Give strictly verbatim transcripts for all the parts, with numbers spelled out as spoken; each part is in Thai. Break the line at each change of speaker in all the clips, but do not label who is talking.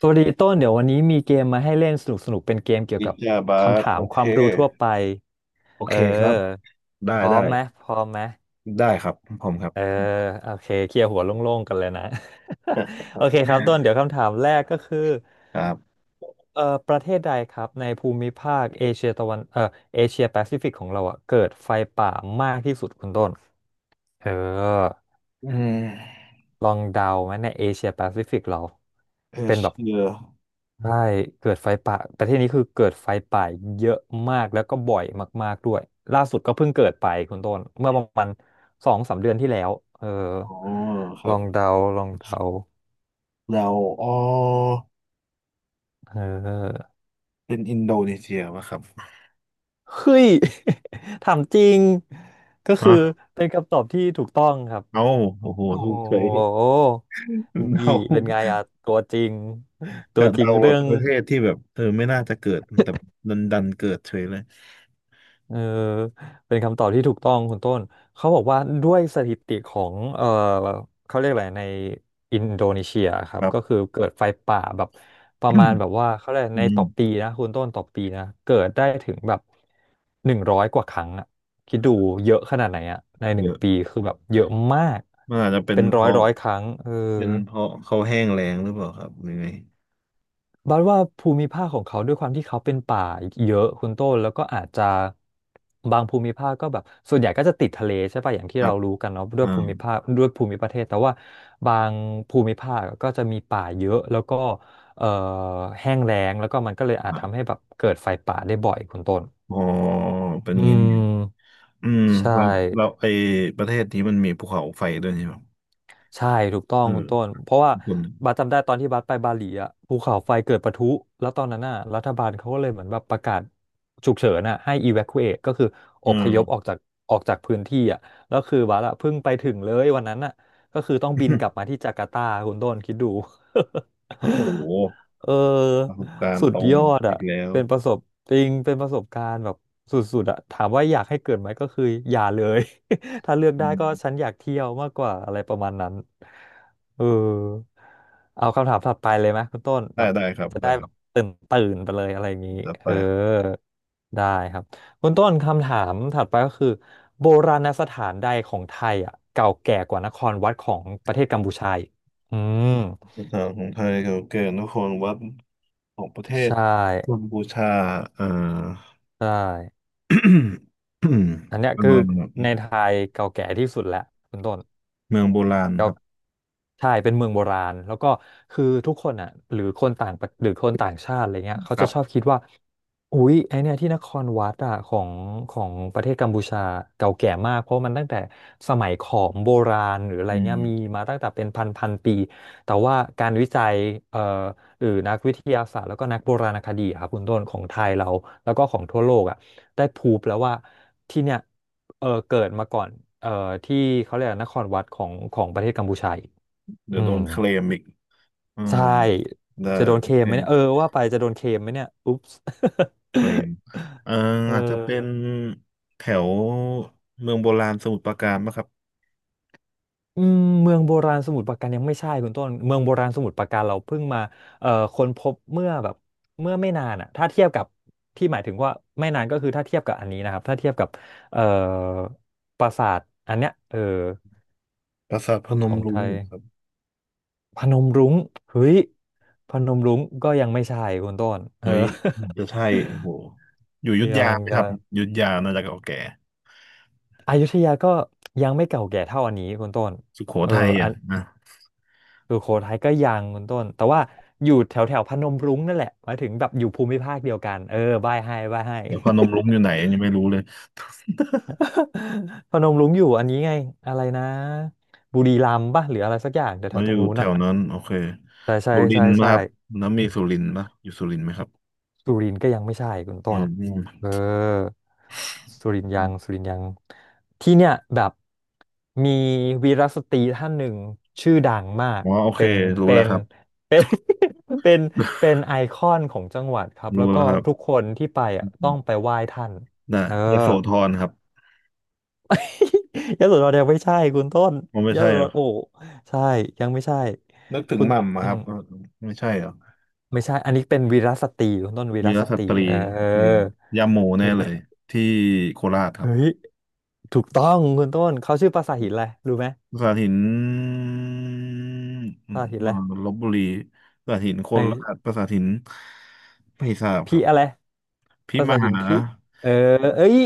สวัสดีต้นเดี๋ยววันนี้มีเกมมาให้เล่นสนุกสนุกเป็นเกมเกี่ยว
อิ
กับ
จาบา
คำ
ท
ถา
โอ
มค
เค
วามรู้ทั่วไป
โอ
เอ
เคครับ
อ
ได้
พร้อ
ได้
มไหมพร้อมไหม
ได้ครับผมครับ
เออโอเคเคลียร์หัวโล่งๆกันเลยนะ โอเคครับต้นเดี๋ยวคำถามแรกก็คือ
ครับ
เอ่อประเทศใดครับในภูมิภาคเอเชียตะวันเอ่อเอเชียแปซิฟิกของเราอะเกิดไฟป่ามากที่สุดคุณต้นเออ
อืม
ลองเดาไหมในเอเชียแปซิฟิกเรา
เอ
เป็นแบบ
เชีย
ใช่เกิดไฟป่าประเทศนี้คือเกิดไฟป่าเยอะมากแล้วก็บ่อยมากๆด้วยล่าสุดก็เพิ่งเกิดไปคุณต้นเมื่อประมาณสองสามเดือนที่แล้วเออ
อ๋อครั
ล
บ
องเดาลองเดา
เราอ๋อ
เออ
เป็นอินโดนีเซียป่ะครับ
เฮ้ย ถามจริงก็คือ
ฮะ
เป็นคำตอบที่ถูกต้องครับ
เอาโอ้โห
โอ้
ถู
โห
กเฉย
นี่
เรา
เป็นไงอะตัวจริงตั
กะ
วจริง
เราแบ
เรื่
บ
อง
ประเทศที่แบบเออไม่น่าจะเกิดแต่ดันดันเกิดเฉยเลย
เออเป็นคำตอบที่ถูกต้องคุณต้นเขาบอกว่าด้วยสถิติของเออเขาเรียกอะไรในอินโดนีเซียครั
ค
บ
รั
ก็
บ
คือเกิดไฟป่าแบบประ
อื
มา
ม
ณแบบว่าเขาเรียกในต่อปีนะคุณต้นต่อปีนะเกิดได้ถึงแบบหนึ่งร้อยกว่าครั้งอะคิดดูเยอะขนาดไหนอะในห
เย
นึ่ง
อะ
ปีคือแบบเยอะมาก
มันอาจจะเป็น
เป็น
เพ
ร้อย
ราะ
ร้อยครั้งเออ
เป็นเพราะเขาแห้งแล้งหรือเปล่าครับหรือไง
บัดว่าภูมิภาคของเขาด้วยความที่เขาเป็นป่าเยอะคุณต้นแล้วก็อาจจะบางภูมิภาคก็แบบส่วนใหญ่ก็จะติดทะเลใช่ป่ะอย่าง
ค
ที่
รั
เรา
บ
รู้กันเนาะด้ว
อ่
ยภูมิภาคด้วยภูมิประเทศแต่ว่าบางภูมิภาคก็จะมีป่าเยอะแล้วก็เอ่อแห้งแล้งแล้วก็มันก็เลยอาจทำ
า
ให้แบบเกิดไฟป่าได้บ่อยคุณต้น
อ๋อเป็นอ
อื
ย่างนี้นี่เอง
ม
อืม
ใช่
เราเราไอประเทศนี้มันมีภูเขาไฟด้วยใช่ไหม
ใช่ถูกต้อง
เอ
คุ
อ
ณต้นเพราะว่า
ส่นหนึ่ง
บาสจำได้ตอนที่บาสไปบาหลีอ่ะภูเขาไฟเกิดปะทุแล้วตอนนั้นน่ะรัฐบาลเขาก็เลยเหมือนแบบประกาศฉุกเฉินอ่ะให้ evacuate ก็คืออ
เอื
พ
ม
ยพออกจากออกจากพื้นที่อ่ะแล้วคือบาสอ่ะเพิ่งไปถึงเลยวันนั้นน่ะก็คือต้องบินกลับ มาที่จาการ์ตาคุณต้นคิดดู
โอ้โห
เออ
ประสบการ
สุ
ณ์
ด
ตรง
ยอดอ่ะ
อีกแล้ว
เป็นประสบจริงเป็นประสบการณ์แบบสุดๆอ่ะถามว่าอยากให้เกิดไหมก็คืออย่าเลย ถ้าเลือก
อื
ได้ก็ฉั
ม
นอยากเที่ยวมากกว่าอะไรประมาณนั้นเออเอาคำถามถัดไปเลยไหมคุณต้น
ได้
แบบ
ได้ครับ
จะ
ได้
ได้
ครั
แบบ
บ
ตื่นตื่นไปเลยอะไรอย่างนี้
จะไป
เออ
ครับ
ได้ครับคุณต้นคำถามถัดไปก็คือโบราณสถานใดของไทยอ่ะเก่าแก่กว่านครวัดของประเทศกัมพูชาอีกอืม
สถานของไทยเก่าแก่นครวัดของประเทศ
ใช่
กัมพูชาเอ่อ
ใช่ อันเนี้ย
เอ่
คือใน
อ
ไทยเก่าแก่ที่สุดแล้วคุณต้น
เมืองโบราณครับ
ใช่เป็นเมืองโบราณแล้วก็คือทุกคนอ่ะหรือคนต่างประหรือคนต่างชาติอะไรเงี้ยเขา
ครั
จะชอบ
บ
คิดว่าอุ๊ยไอเนี่ยที่นครวัดอ่ะของของประเทศกัมพูชาเก่าแก่มากเพราะมันตั้งแต่สมัยขอมโบราณหรืออะไร
อื
เงี้ยมี
ม
มาตั้งแต่เป็นพันพันปีแต่ว่าการวิจัยเอ่อหรือนักวิทยาศาสตร์แล้วก็นักโบราณคดีอะครับคุณต้นของไทยเราแล้วก็ของทั่วโลกอ่ะได้พรูฟแล้วว่าที่เนี่ยเออเกิดมาก่อนเอ่อที่เขาเรียกว่านครวัดของของประเทศกัมพูชา
เดี๋
อื
ยวโด
ม
นเคลมอีกอืม
ใช่
ได้
จะโดนเค
โอเค
มไหมเนี่ยเออว่าไปจะโดนเคมไหมเนี่ยอุ๊ปส์
เคลม เอ่อ
เ
อาจจะเป็น
ออ
แถวเมืองโบราณสมุทรปราการปะครับ
อืมเมืองโบราณสมุทรปราการยังไม่ใช่คุณต้นเมืองโบราณสมุทรปราการเราเพิ่งมาเอ่อค้นพบเมื่อแบบเมื่อไม่นานอ่ะถ้าเทียบกับที่หมายถึงว่าไม่นานก็คือถ้าเทียบกับอันนี้นะครับถ้าเทียบกับเอ่อปราสาทอันเนี้ยเออ
ปราสาทพน
ข
ม
องไท
รุ้ง
ย
ครับ
พนมรุ้งเฮ้ยพนมรุ้งก็ยังไม่ใช่คุณต้นเออ
เฮ้ยจะใช่โอ้โหอยู่อยุธ
ยั
ยา
ง
ไหมค
ยั
รับ
ง
อยุธยาน่าจะเก่าแก่
อยุธยาก็ยังไม่เก่าแก่เท่าอันนี้คุณต้น
สุโข
เออ
ทัย
อั
อ่ะ
น
นะ
สุโขทัยก็ยังคุณต้นแต่ว่าอยู่แถวแถวพนมรุ้งนั่นแหละหมายถึงแบบอยู่ภูมิภาคเดียวกันเออใบ้ให้ใบ้ให้
แต่พนมรุ้งอยู่ไหนยังไม่รู้เลย
พนมรุ้งอยู่อันนี้ไงอะไรนะบุรีรัมย์ป่ะหรืออะไรสักอย่างแถว
แล้
แถ
ว
วต
อ
ร
ยู่
งนู้น
แถ
อ่ะ
วนั้นโอเค
ใช่ใช่
สุริ
ใช่
นทร์นะ
ใช่
ครับน้ำมีสุรินทร์ปะอยู่สุรินทร์ไหมครับ
สุรินทร์ก็ยังไม่ใช่คุณ
อื
ต้น
มอม
เออสุรินทร์ยังสุ
อ
รินทร์ยังที่เนี่ยแบบมีวีรสตรีท่านหนึ่งชื่อดังมาก
มอ๋อโอเค
เป็น
รู้
เป็
แล้ว
น
ครับ
เป็น เป็นเป็นไอคอนของจังหวัดครับ แล้
รู้
ว
แล้
ก็
วครับ
ทุกคนที่ไปอ่ะต้องไปไหว้ท่าน
น่ะ
เออ
ยโสธรครับ
ยโสธรยังไม่ใช่คุณต้น
มันไม่
ย
ใช่
โส
เห
ธ
รอ
รโอ้ใช่ยังไม่ใช่
นึกถึง
คุณ
หม่ำอะ
อื
ครั
ม
บเออไม่ใช่เหรอ
ไม่ใช่อันนี้เป็นวีรสตรีคุณต้นวีร
วีร
ส
ส
ตรี
ตรี
เอ
โอเค
อ
ย่าโมแน่
วีร
เล
ส
ย
ตรี
ที่โคราชครับ
เฮ้ย ถูกต้องคุณต้นเขาชื่อปราสาทหินอะไรรู้ไหม
สาหินอื
ป
ม
ราสาทหินอะ
อ่า
ไร
ลพบุรีสาหินโค
ไอ้
ราชประสาทหินไม่ทราบค
พี่
รับ
อะไรป
พี่
รา
ม
สาทหิ
หา
นพี่เออเอ้ย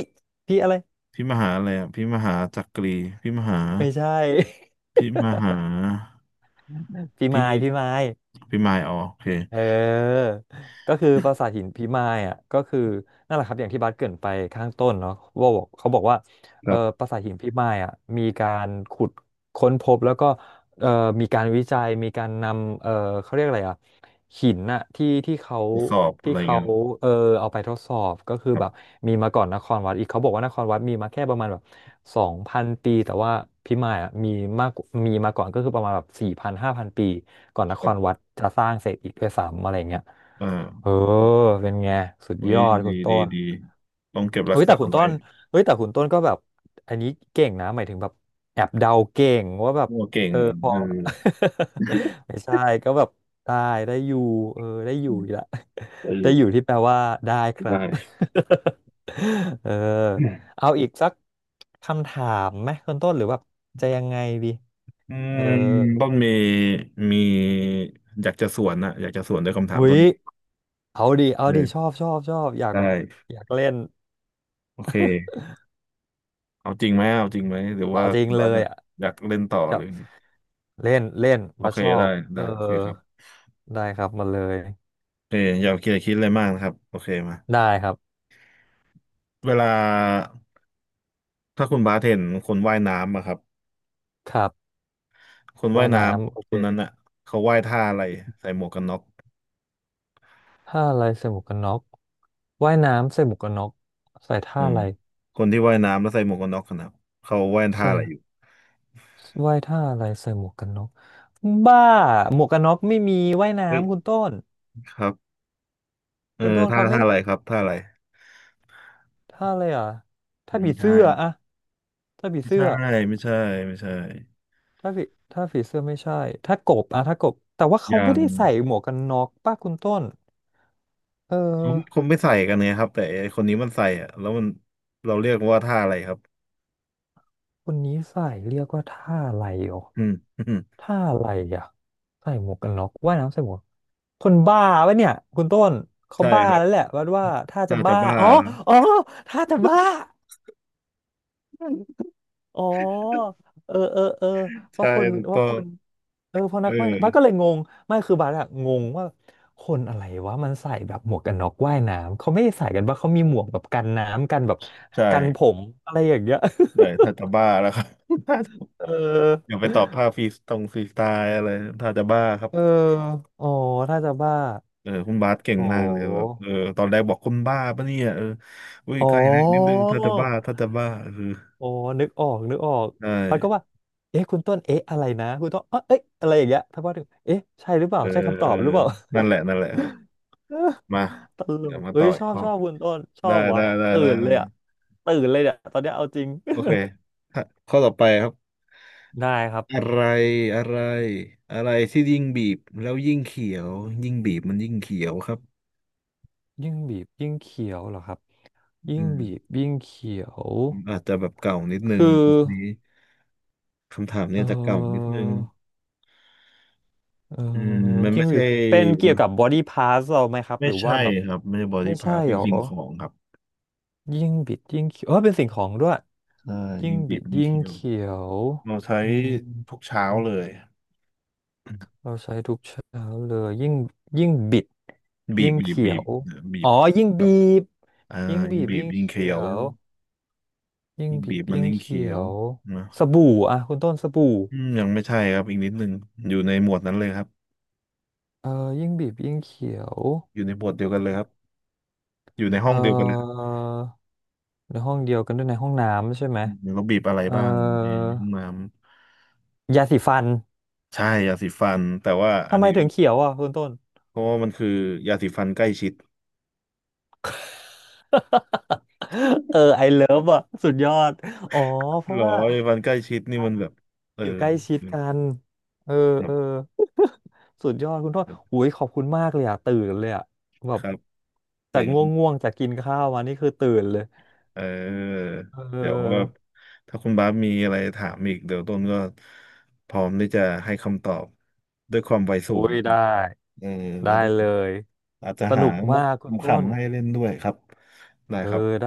พี่อะไร
พี่มหาอะไรอะพี่มหาจักรีพี่มหา
ไม่ใช่
พี่มหา
พี่
พี่
ไม้พี่ไม้
พี่มายอ๋อโอเค
เออก็คือปราสาทหินพิมายอ่ะก็คือนั่นแหละครับอย่างที่บัสเกริ่นไปข้างต้นเนาะว่าบอกเขาบอกว่า
ค
เออ
รั
ป
บ
ราสาทหินพิมายอ่ะมีการขุดค้นพบแล้วก็ เอ่อมีการวิจัยมีการนำเอ่อเขาเรียกอะไรอ่ะหินน่ะที่ที่เขา
ทดสอบอะ
ที่
ไร
เขา
เงี้ย
เออเอาไปทดสอบก็คือ
ครั
แบบ
บ
มีมาก่อนนครวัดอีกเขาบอกว่านครวัดมีมาแค่ประมาณแบบสองพันปีแต่ว่าพิมายอ่ะมีมากมีมาก่อนก็คือประมาณแบบสี่พันห้าพันปีก่อนน
ค
ค
รับ
รวัดจะสร้างเสร็จอีกด้วยซ้ำอะไรเงี้ย
อ่า
เออเป็นไงสุด
อุ้
ย
ย
อดคุ
ดี
ณต้
ดี
น
ดีต้องเก็บรั
เฮ้
ก
ย
ษา
แต่คุณต้
ไว้
นเฮ้ยแต่คุณต้นก็แบบอันนี้เก่งนะหมายถึงแบบแอบเดาเก่งว่าแบบ
โอ้เก่ง
เออพอ
เออ
ไม่ใช่ก็แบบได้ได้อยู่เออได้อยู่อีกละ
จะอ
ได้
ยู่
อยู่ที่แปลว่าได้ครับ
ได้
เออเอาอีกสักคำถามไหมคุณต้นหรือแบบจะยังไงดี
อื
เออ
มต้นเมย์มีอยากจะสวนนะอยากจะสวนด้วยคำถา
หุ
มต้
ย
น
เอาดิเอา
เล
ดิชอ
ย
บชอบชอบอยา
ไ
กแบบ
ด้
อยากเล่น
โอเคเอาจริงไหมเอาจริงไหมหรือ
เอา
ว่า
จริ
คุ
ง
ณ
เล
บาสอ
ย
ยาก
อ่
อยากเล่นต่อหรือไง
ะ เล่นเล่น
โอ
บัส
เค
ชอ
ได้
บเอ
ได้
อ
โอเคครับ
ได้ครับมาเลย
โอเคอย่าคิดอย่าคิดอะไรมากนะครับโอเคมา
ได้ครับ
เวลาถ้าคุณบาสเห็นคนว่ายน้ำอะครับ
ครับ
คนว่า
ว่า
ย
ย
น้
น้ำโอ
ำค
เค
นนั้นอะเขาว่ายท่าอะไรใส่หมวกกันน็อก
ท่าอะไรใส่หมวกกันน็อกว่ายน้ำใส่หมวกกันน็อกใส่ท่า
อืม
อะไร
คนที่ว่ายน้ำแล้วใส่หมวกกันน็อกกันนะเขาว่ายท่า
ใส่
อะไรอยู่
ว่ายท่าอะไรใส่หมวกกันน็อกบ้าหมวกกันน็อกไม่มีว่าย
เฮ้ย
น้ำคุณต้น
ครับ เออ
คุณต้น
ท่า
เขาไม่
ท่าอะไรครับท่าอะไร
ท่าอะไรอ่ะ
มั
ท่า
น
ผี
มี
เสื้
ท่า
ออะท่าผี
ไม่
เสื้
ใช่
อ
ไม่ใช่ไม่ใช่
ถ้าผีถ้าผีเสื้อไม่ใช่ถ้ากบอะถ้ากบแต่ว่า
อ
เขา
ย่า
ไม่
ง
ได้ใส่หมวกกันน็อกป้าคุณต้นเออ
เขาคงไม่ใส่กันเนี่ยครับแต่ไอ้คนนี้มันใส่อะแล้วมันเราเรียกว่าท่าอะไรครับ
คนนี้ใส่เรียกว่าท่าอะไรอ๋อ
อืม
ท่าอะไรอ่ะใส่หมวกกันน็อกว่ายน้ำใส่หมวกคนบ้าวะเนี่ยคุณต้น เขา
ใช่
บ้า
ครั
แล้ว
บ
แหละวัดว่าถ้าจะ
ท่าจะ
บ้า
บ้า
อ๋อ
ครั
อ๋อ
บ
ถ้าจะบ้าอ๋อเออเออเออว่า
ใช่
คน
ถูก
ว่า
ต้อ
ค
ง
นเออเพอ
เอ
นัก
อ
ว่ายน้ำบาสก็เลยงงไม่คือบาสอะงงว่าคนอะไรวะมันใส่แบบหมวกกันน็อกว่ายน้ำเขาไม่ได้ใส่กันว่าเขามีหมวกแบบกันน้ำกันแบบ
ใช่
กันผมอะไรอย่างเงี้ย
ใช่ท่าจะบ้าแล้วครับ ท่าจะ
เอ
อ
อ
ย่าไปตอบท่าฟรีสตรงฟรีสไตล์อะไรท่าจะบ้าครับ
เอออ๋อถ้าจะบ้า
เออคุณบาสเก่ง
โห
มากเลยแบบเออตอนแรกบอกคุณบ้าปะเนี่ยเอออุ้ย
อ๋
ใก
อ
ล้เล็นิดนึงท่าจะบ้าท่าจะบ้าเออ
อ๋อนึกออกนึกออก
ใช่
พัดก็ว่าเอ๊ะคุณต้นเอ๊ะอะไรนะคุณต้นเอ๊ะเอ๊ะอะไรอย่างเงี้ยพัดว่าถึงเอ๊ะใช่หรือเปล่า
เออ
ใช่คำต
เอ
อ
อ
บหรือเปล่า
นั่นแหละนั่นแหละครับ มา
ตล
เดี๋
ก
ยวมา
เอ้
ต่อ
ย
อี
ช
ก
อบ
ข้อ
ชอบคุณต้นชอ
ได้
บวะ
ได้ได้
ตื่
ได้
นเล
ได้
ยอ่ะตื่นเลยเนี่ยตอนเนี้ยเอาจริง
โอเคข้อข้อต่อไปครับ
ได้ครับ
อะไรอะไร อะไรที่ยิ่งบีบแล้วยิ่งเขียวยิ่งบีบมันยิ่งเขียวครับ
ยิ่งบีบยิ่งเขียวเหรอครับยิ่
อื
ง
ม
บีบยิ่งเขียว
อาจจะแบบเก่านิดนึง
คือ
นี้คำถาม
เอ
เนี่
อ
ยจะเก่านิดนึง
เออ
อืม มัน
ยิ่
ไม่
งบี
ใช่
เป็นเกี่ยวกับบอดี้พาร์ทเราไหมครับ
ไม่
หรือว่า
ใช่
แบบ
ครับ ไม่ใช่บอ
ไม่
ดี้
ใช่
พาร์ทเป็
ห
น
รอ
สิ่งของครับ
ยิ่งบิดยิ่งเขียวเออเป็นสิ่งของด้วย
เออ
ยิ่
ยิ่
ง
งบี
บิ
บ
ด
ยิ่ง
ยิ่ง
เขียว
เขียว
เราใช้
อืม
ทุกเช้าเลย
เราใช้ทุกเช้าเลยยิ่งยิ่งบิด
บี
ยิ่
บ
ง
บีบ
เขี
บี
ย
บ
ว
บี
อ๋อ
บ
ยิ่ง
แบ
บี
บ
บ
อ่า
ยิ่ง
ยิ่
บี
ง
บ
บีบ
ยิ่ง
ยิ่ง
เขี
เคี้ย
ย
ว
วยิ่ง
ยิ่ง
บี
บี
บ
บมัน
ยิ่ง
ยิ่ง
เขี
เคี้
ย
ยว
ว
นะ
สบู่อ่ะคุณต้นสบู่
อืมยังไม่ใช่ครับอีกนิดนึงอยู่ในหมวดนั้นเลยครับ
เออยิ่งบีบยิ่งเขียว
อยู่ในหมวดเดียวกันเลยครับอยู่ในห้
เอ
องเดียวกันเลยค
อในห้องเดียวกันด้วยในห้องน้ำใช่ไหม
รับเราบีบอะไร
เอ่อ
บ้างในห้องน้ำ
ยาสีฟัน
ใช่ยาสีฟันแต่ว่าอั
ทำ
น
ไม
นี้
ถึงเขียวอ่ะคุณต้น
เพราะว่ามันคือยาสีฟันใกล้ชิด
เออไอเลิฟอ่ะสุดยอดอ๋อเพ
หร
ราะ
อ
ว่า
ยาสีฟันใกล้ชิดนี่มันแบบเออ
อยู่ใกล้ชิด
แ
กันเออ
บ
เอ
บ
อ สุดยอดคุณต้นหุยขอบคุณมากเลยอ่ะตื่นเลยอ่ะแบ
ค
บ
รับ
จา
เจ๋
กง
ง
่วงๆจากกินข้าวมานี่คือตื่นเลย
เออ
เ
เดี๋ยวว่า
ออ
ถ้าคุณบาสมีอะไรถามอีกเดี๋ยวต้นก็พร้อมที่จะให้คำตอบด้วยความไว
โอ้
สูง
ยได้
เออแล้ว
ได้
ก็
เลย
อาจจะ
ส
หา
นุก
มุก
มากคุณต้น
ขำๆให้เล่นด้วยครับได้
เออ
ครับ
ได้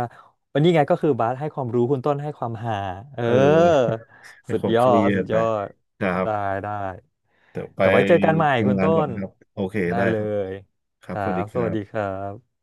วันนี้ไงก็คือบาสให้ความรู้คุณต้นให้ความหาเออ
เออไม่
สุด
ความ
ย
เค
อ
รี
ด
ย
สุ
ด
ด
ไป
ยอด
นะครับ
ได้ได้
เดี๋ยวไป
เดี๋ยวไว้เจอกันใหม่คุณ
ทำงาน
ต้
ก่อน
น
ครับโอเค
ได้
ได้
เล
ครับ
ย
ค
ค
รับ
รั
สวัส
บ
ดีค
ส
รั
วัสดีค
บ
รับ